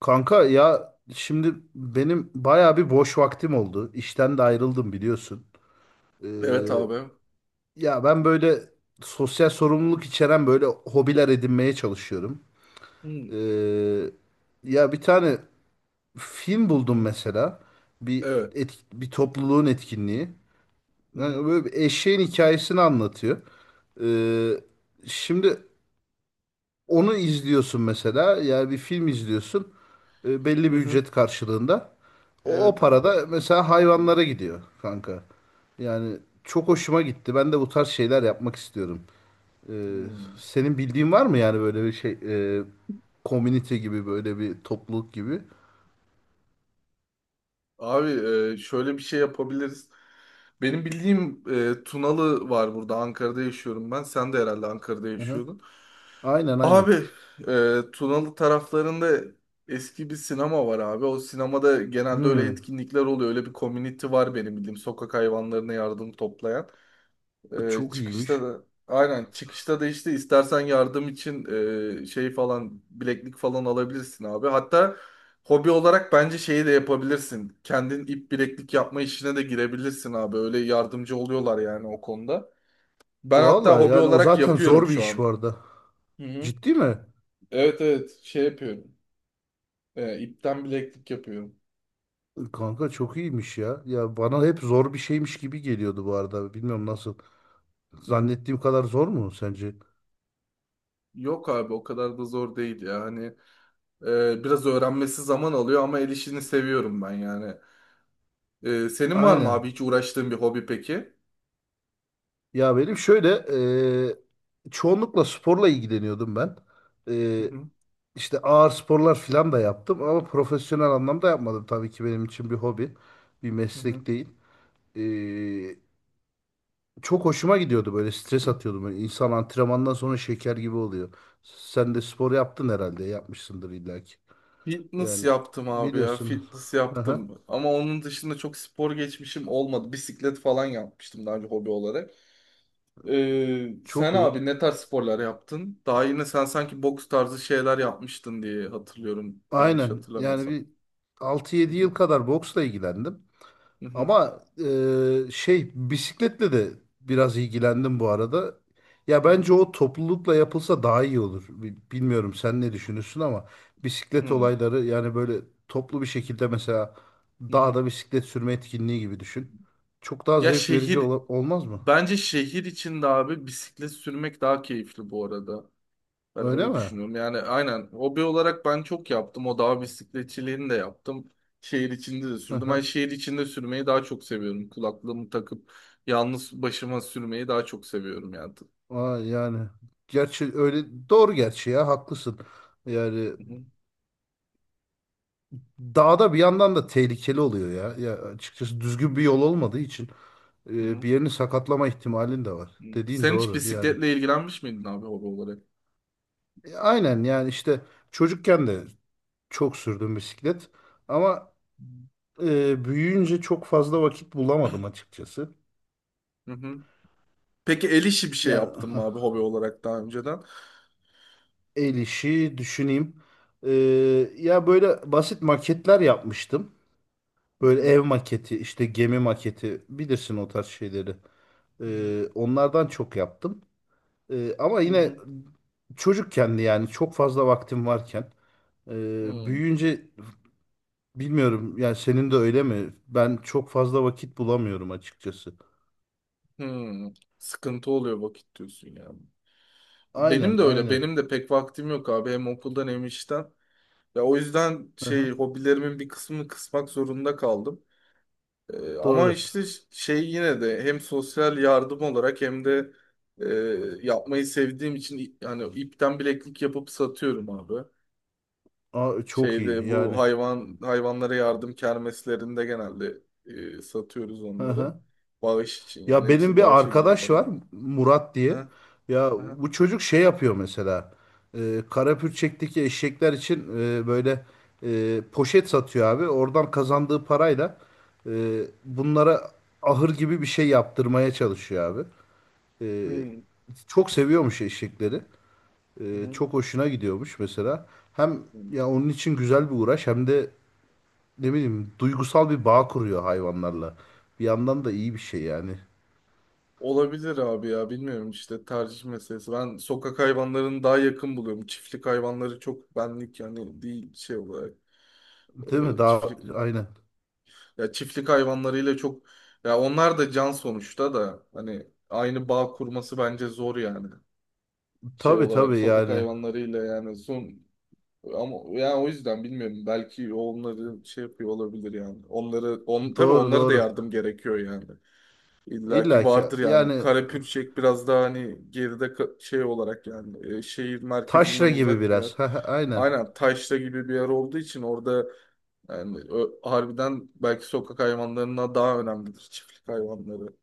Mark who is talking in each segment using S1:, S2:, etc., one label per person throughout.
S1: Kanka ya şimdi benim bayağı bir boş vaktim oldu. İşten de ayrıldım biliyorsun. Ee,
S2: Evet abi.
S1: Ya ben böyle sosyal sorumluluk içeren böyle hobiler edinmeye çalışıyorum.
S2: Hı
S1: Ee, Ya bir tane film buldum
S2: hı.
S1: mesela.
S2: Evet.
S1: Bir topluluğun etkinliği.
S2: Hı
S1: Yani
S2: hı.
S1: böyle bir eşeğin hikayesini anlatıyor. Ee, Şimdi onu izliyorsun mesela. Yani bir film izliyorsun. Belli
S2: Hı
S1: bir
S2: hı.
S1: ücret karşılığında. O
S2: Evet
S1: para
S2: abi.
S1: da mesela
S2: Hı
S1: hayvanlara gidiyor kanka. Yani çok hoşuma gitti. Ben de bu tarz şeyler yapmak istiyorum. E,
S2: hı.
S1: Senin bildiğin var mı yani böyle bir şey e, community gibi böyle bir topluluk gibi?
S2: Abi, şöyle bir şey yapabiliriz. Benim bildiğim, Tunalı var burada. Ankara'da yaşıyorum ben. Sen de herhalde Ankara'da
S1: Hı-hı.
S2: yaşıyordun.
S1: Aynen
S2: Abi,
S1: aynen.
S2: Tunalı taraflarında eski bir sinema var abi. O sinemada genelde öyle
S1: Hmm,
S2: etkinlikler oluyor. Öyle bir community var benim bildiğim. Sokak hayvanlarına yardım toplayan.
S1: çok iyiymiş.
S2: Çıkışta da aynen çıkışta da işte istersen yardım için, şey falan bileklik falan alabilirsin abi. Hatta hobi olarak bence şeyi de yapabilirsin. Kendin ip bileklik yapma işine de girebilirsin abi. Öyle yardımcı oluyorlar yani o konuda. Ben hatta
S1: Valla
S2: hobi
S1: yani o
S2: olarak
S1: zaten
S2: yapıyorum
S1: zor bir
S2: şu
S1: iş
S2: an.
S1: bu arada.
S2: Hı hı.
S1: Ciddi mi?
S2: Evet, evet, şey yapıyorum. İpten bileklik yapıyorum.
S1: Kanka çok iyiymiş ya. Ya bana hep zor bir şeymiş gibi geliyordu bu arada. Bilmiyorum nasıl.
S2: Hı hı.
S1: Zannettiğim kadar zor mu sence?
S2: Yok abi, o kadar da zor değil ya. Hani, biraz öğrenmesi zaman alıyor ama el işini seviyorum ben yani. Senin var mı
S1: Aynen.
S2: abi hiç uğraştığın bir hobi peki?
S1: Ya benim şöyle çoğunlukla sporla ilgileniyordum ben.
S2: Hı
S1: E,
S2: hı.
S1: işte ağır sporlar falan da yaptım ama profesyonel
S2: Aha.
S1: anlamda yapmadım. Tabii ki benim için bir hobi, bir
S2: Hı
S1: meslek
S2: hı.
S1: değil. E, Çok hoşuma gidiyordu böyle stres atıyordum. Böyle insan antrenmandan sonra şeker gibi oluyor. Sen de spor yaptın herhalde, yapmışsındır illaki.
S2: Fitness
S1: Yani
S2: yaptım abi ya.
S1: biliyorsun.
S2: Fitness
S1: Aha,
S2: yaptım. Ama onun dışında çok spor geçmişim olmadı. Bisiklet falan yapmıştım daha önce hobi olarak. Sen
S1: çok iyi.
S2: abi ne tarz sporlar yaptın? Daha yine sen sanki boks tarzı şeyler yapmıştın diye hatırlıyorum. Yanlış
S1: Aynen yani
S2: hatırlamıyorsam.
S1: bir altı
S2: Hı
S1: yedi
S2: hı.
S1: yıl kadar boksla ilgilendim.
S2: Hı hı.
S1: Ama şey bisikletle de biraz ilgilendim bu arada. Ya
S2: Hı hı.
S1: bence o toplulukla yapılsa daha iyi olur. Bilmiyorum sen ne düşünürsün ama bisiklet
S2: Hı
S1: olayları yani böyle toplu bir şekilde mesela
S2: hı.
S1: dağda bisiklet sürme etkinliği gibi düşün. Çok daha
S2: Ya
S1: zevk verici
S2: şehir
S1: olmaz mı?
S2: Bence şehir içinde abi bisiklet sürmek daha keyifli bu arada. Ben
S1: Öyle
S2: öyle
S1: mi?
S2: düşünüyorum. Yani aynen hobi olarak ben çok yaptım. O dağ bisikletçiliğini de yaptım. Şehir içinde de
S1: Hı
S2: sürdüm. Ben
S1: hı.
S2: şehir içinde sürmeyi daha çok seviyorum. Kulaklığımı takıp yalnız başıma sürmeyi daha çok seviyorum yani.
S1: Aa, yani gerçi öyle doğru gerçi ya haklısın. Yani
S2: Hı hı,
S1: dağda bir yandan da tehlikeli oluyor ya. Ya açıkçası düzgün bir yol olmadığı için
S2: hı hı.
S1: bir yerini sakatlama ihtimalin de var.
S2: Hı.
S1: Dediğin
S2: Sen hiç
S1: doğru yani.
S2: bisikletle ilgilenmiş miydin abi hobi olarak?
S1: Aynen yani işte çocukken de çok sürdüm bisiklet ama büyüyünce çok fazla vakit bulamadım açıkçası.
S2: Hı hı. Peki el işi bir şey
S1: Yani
S2: yaptın mı
S1: hah,
S2: abi hobi olarak daha önceden?
S1: el işi düşüneyim. E, Ya böyle basit maketler yapmıştım.
S2: Hı
S1: Böyle
S2: hı,
S1: ev maketi, işte gemi maketi bilirsin o tarz şeyleri.
S2: hı hı,
S1: Onlardan çok yaptım. Ama yine
S2: hı
S1: çocukken çocukkendi yani çok fazla vaktim varken.
S2: hı,
S1: Büyüyünce bilmiyorum yani senin de öyle mi? Ben çok fazla vakit bulamıyorum açıkçası.
S2: hı. Sıkıntı oluyor vakit diyorsun yani. Benim
S1: Aynen
S2: de öyle.
S1: aynen.
S2: Benim de pek vaktim yok abi. Hem okuldan hem işten. Ya o yüzden
S1: Hı
S2: şey
S1: hı,
S2: hobilerimin bir kısmını kısmak zorunda kaldım. Ama
S1: doğru.
S2: işte şey yine de hem sosyal yardım olarak hem de, e, yapmayı sevdiğim için yani ipten bileklik yapıp satıyorum abi.
S1: Aa, çok iyi
S2: Şeyde bu
S1: yani.
S2: hayvanlara yardım kermeslerinde genelde, satıyoruz
S1: Hı
S2: onları.
S1: hı.
S2: Bağış için yani
S1: Ya benim
S2: hepsi
S1: bir
S2: bağışa gidiyor
S1: arkadaş
S2: param.
S1: var Murat
S2: Ha,
S1: diye. Ya
S2: ha.
S1: bu çocuk şey yapıyor mesela. Karapürçek'teki eşekler için böyle poşet satıyor abi. Oradan kazandığı parayla bunlara ahır gibi bir şey yaptırmaya çalışıyor abi. E,
S2: Hmm.
S1: Çok seviyormuş eşekleri.
S2: Hı hı.
S1: Çok hoşuna gidiyormuş mesela. Hem ya onun için güzel bir uğraş hem de ne bileyim duygusal bir bağ kuruyor hayvanlarla. Bir yandan da iyi bir şey yani.
S2: Olabilir abi ya, bilmiyorum işte tercih meselesi. Ben sokak hayvanlarını daha yakın buluyorum. Çiftlik hayvanları çok benlik yani değil şey olarak,
S1: Değil mi? Daha
S2: çiftlik
S1: aynen.
S2: ya çiftlik hayvanlarıyla çok ya onlar da can sonuçta da hani aynı bağ kurması bence zor yani. Şey
S1: Tabii
S2: olarak
S1: tabii
S2: sokak
S1: yani.
S2: hayvanlarıyla yani son, ama yani o yüzden bilmiyorum belki onları şey yapıyor olabilir yani. Onları on tabii
S1: Doğru
S2: onlara da
S1: doğru.
S2: yardım gerekiyor yani. İlla ki
S1: İlla ki
S2: vardır yani.
S1: yani
S2: Karapürçek biraz daha hani geride, şey olarak yani, şehir
S1: taşra
S2: merkezinden
S1: gibi
S2: uzak bir yer.
S1: biraz. Heh, aynen.
S2: Aynen, taşra gibi bir yer olduğu için orada yani, harbiden belki sokak hayvanlarına daha önemlidir çiftlik hayvanları. Hı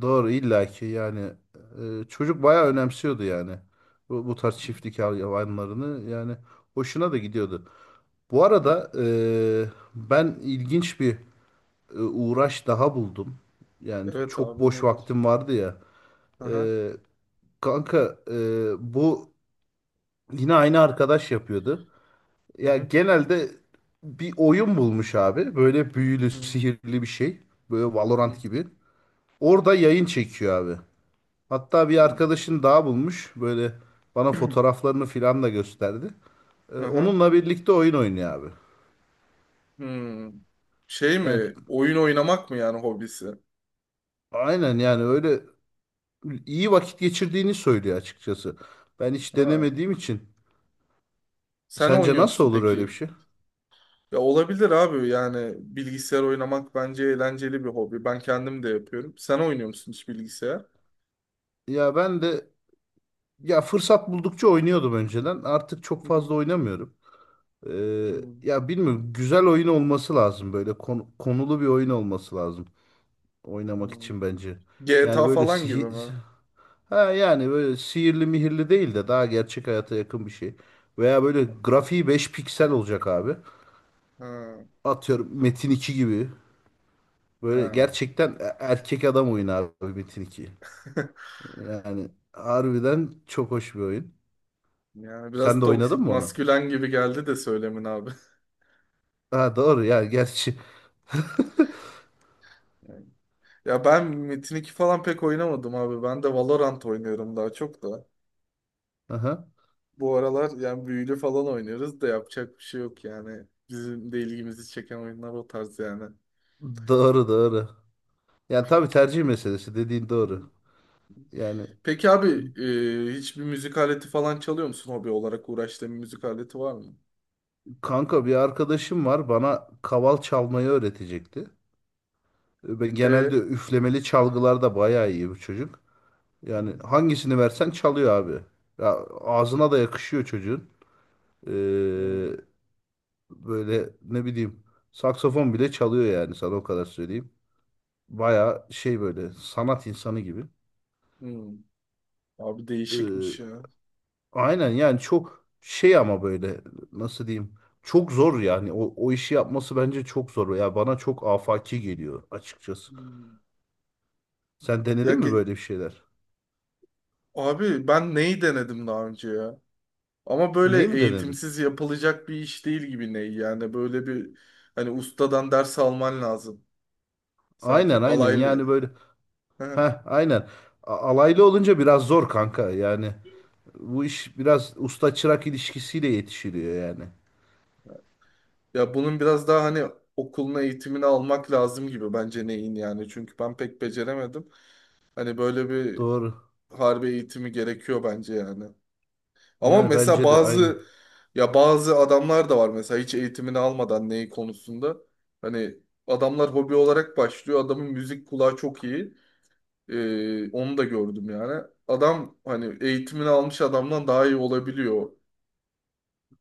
S1: Doğru illa ki yani. Çocuk bayağı önemsiyordu yani. Bu tarz çiftlik hayvanlarını yani hoşuna da gidiyordu. Bu
S2: hı.
S1: arada ben ilginç bir uğraş daha buldum. Yani
S2: Evet
S1: çok
S2: abi,
S1: boş
S2: nedir?
S1: vaktim vardı ya.
S2: Aha.
S1: Ee, Kanka bu yine aynı arkadaş yapıyordu.
S2: Hı
S1: Ya
S2: hı.
S1: genelde bir oyun bulmuş abi. Böyle
S2: Hı
S1: büyülü,
S2: hı.
S1: sihirli bir şey. Böyle
S2: Hı
S1: Valorant gibi. Orada yayın çekiyor abi. Hatta bir arkadaşın daha bulmuş. Böyle bana
S2: hı.
S1: fotoğraflarını filan da gösterdi.
S2: Aha.
S1: Onunla birlikte oyun oynuyor abi.
S2: Hmm. Şey
S1: Yani
S2: mi? Oyun oynamak mı yani hobisi?
S1: aynen yani öyle iyi vakit geçirdiğini söylüyor açıkçası. Ben hiç
S2: Ha.
S1: denemediğim için
S2: Sen
S1: sence
S2: oynuyor
S1: nasıl
S2: musun
S1: olur öyle bir
S2: peki?
S1: şey?
S2: Ya, olabilir abi yani bilgisayar oynamak bence eğlenceli bir hobi. Ben kendim de yapıyorum. Sen oynuyor musun hiç bilgisayar?
S1: Ya ben de ya fırsat buldukça oynuyordum önceden. Artık çok
S2: Hı hı.
S1: fazla oynamıyorum.
S2: Hmm,
S1: Ya bilmiyorum güzel oyun olması lazım böyle konulu bir oyun olması lazım oynamak
S2: hmm.
S1: için bence. Yani
S2: GTA
S1: böyle
S2: falan gibi
S1: sihir
S2: mi?
S1: ha yani böyle sihirli mihirli değil de daha gerçek hayata yakın bir şey. Veya böyle grafiği 5 piksel olacak abi.
S2: Ha,
S1: Atıyorum Metin iki gibi. Böyle
S2: ha.
S1: gerçekten erkek adam oyunu abi Metin 2. Yani harbiden çok hoş bir oyun.
S2: Yani
S1: Sen
S2: biraz
S1: de oynadın
S2: toksik
S1: mı onu?
S2: maskülen gibi geldi de söylemin abi.
S1: Ha doğru ya gerçi.
S2: Yani. Ya ben Metin 2 falan pek oynamadım abi. Ben de Valorant oynuyorum daha çok da.
S1: Aha.
S2: Bu aralar yani büyülü falan oynuyoruz da yapacak bir şey yok yani. Bizim de ilgimizi çeken oyunlar o tarz yani.
S1: Doğru doğru. Yani tabii tercih meselesi dediğin doğru. Yani
S2: Peki abi, hiçbir müzik aleti falan çalıyor musun hobi olarak uğraştığın bir müzik aleti var mı?
S1: kanka bir arkadaşım var bana kaval çalmayı öğretecekti. E, ben genelde
S2: E,
S1: üflemeli çalgılarda bayağı iyi bu çocuk.
S2: Hı
S1: Yani hangisini versen çalıyor abi. Ya ağzına da yakışıyor çocuğun. Ee,
S2: hı,
S1: Böyle ne bileyim saksafon bile çalıyor yani sana o kadar söyleyeyim. Baya şey böyle sanat insanı gibi.
S2: hı, hı. Abi
S1: Ee,
S2: değişikmiş ya.
S1: aynen yani çok şey ama böyle nasıl diyeyim çok zor yani o işi yapması bence çok zor. Ya bana çok afaki geliyor açıkçası.
S2: Hmm.
S1: Sen
S2: Ya
S1: denedin mi
S2: ge-
S1: böyle bir şeyler?
S2: abi ben neyi denedim daha önce ya? Ama
S1: Neyi
S2: böyle
S1: mi denedin?
S2: eğitimsiz yapılacak bir iş değil gibi ney yani, böyle bir, hani ustadan ders alman lazım. Sanki
S1: Aynen aynen
S2: alaylı.
S1: yani böyle
S2: Hı.
S1: heh aynen. Alaylı olunca biraz zor kanka yani. Bu iş biraz usta çırak ilişkisiyle yetişiliyor yani.
S2: Ya bunun biraz daha hani okuluna eğitimini almak lazım gibi bence neyin yani, çünkü ben pek beceremedim. Hani böyle bir
S1: Doğru.
S2: harbi eğitimi gerekiyor bence yani. Ama
S1: Yani
S2: mesela
S1: bence de aynı.
S2: bazı adamlar da var mesela hiç eğitimini almadan neyi konusunda. Hani adamlar hobi olarak başlıyor. Adamın müzik kulağı çok iyi. Onu da gördüm yani. Adam hani eğitimini almış adamdan daha iyi olabiliyor.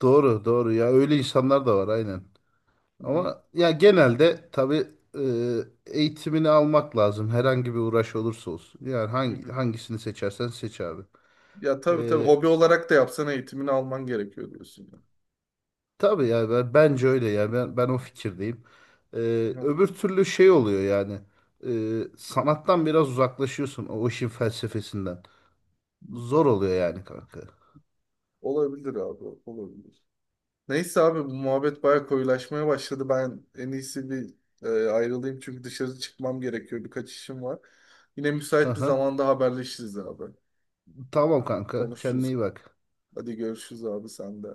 S1: Doğru, doğru. Ya öyle insanlar da var aynen.
S2: Hı hı.
S1: Ama ya genelde tabii e, eğitimini almak lazım. Herhangi bir uğraş olursa olsun. Yani
S2: Hı hı.
S1: hangisini seçersen seç abi.
S2: Ya tabii, tabii,
S1: E,
S2: hobi olarak da yapsan eğitimini alman gerekiyor diyorsun
S1: tabii ya bence öyle ya. Ben o fikirdeyim. E,
S2: yani. Hı.
S1: Öbür türlü şey oluyor yani. E, Sanattan biraz uzaklaşıyorsun o işin felsefesinden. Zor oluyor yani kanka.
S2: Olabilir abi, olabilir. Neyse abi bu muhabbet bayağı koyulaşmaya başladı. Ben en iyisi bir, ayrılayım çünkü dışarı çıkmam gerekiyor. Birkaç işim var. Yine müsait bir
S1: Aha.
S2: zamanda haberleşiriz abi.
S1: Tamam kanka.
S2: Konuşuruz.
S1: Kendine iyi bak.
S2: Hadi görüşürüz abi, sen de.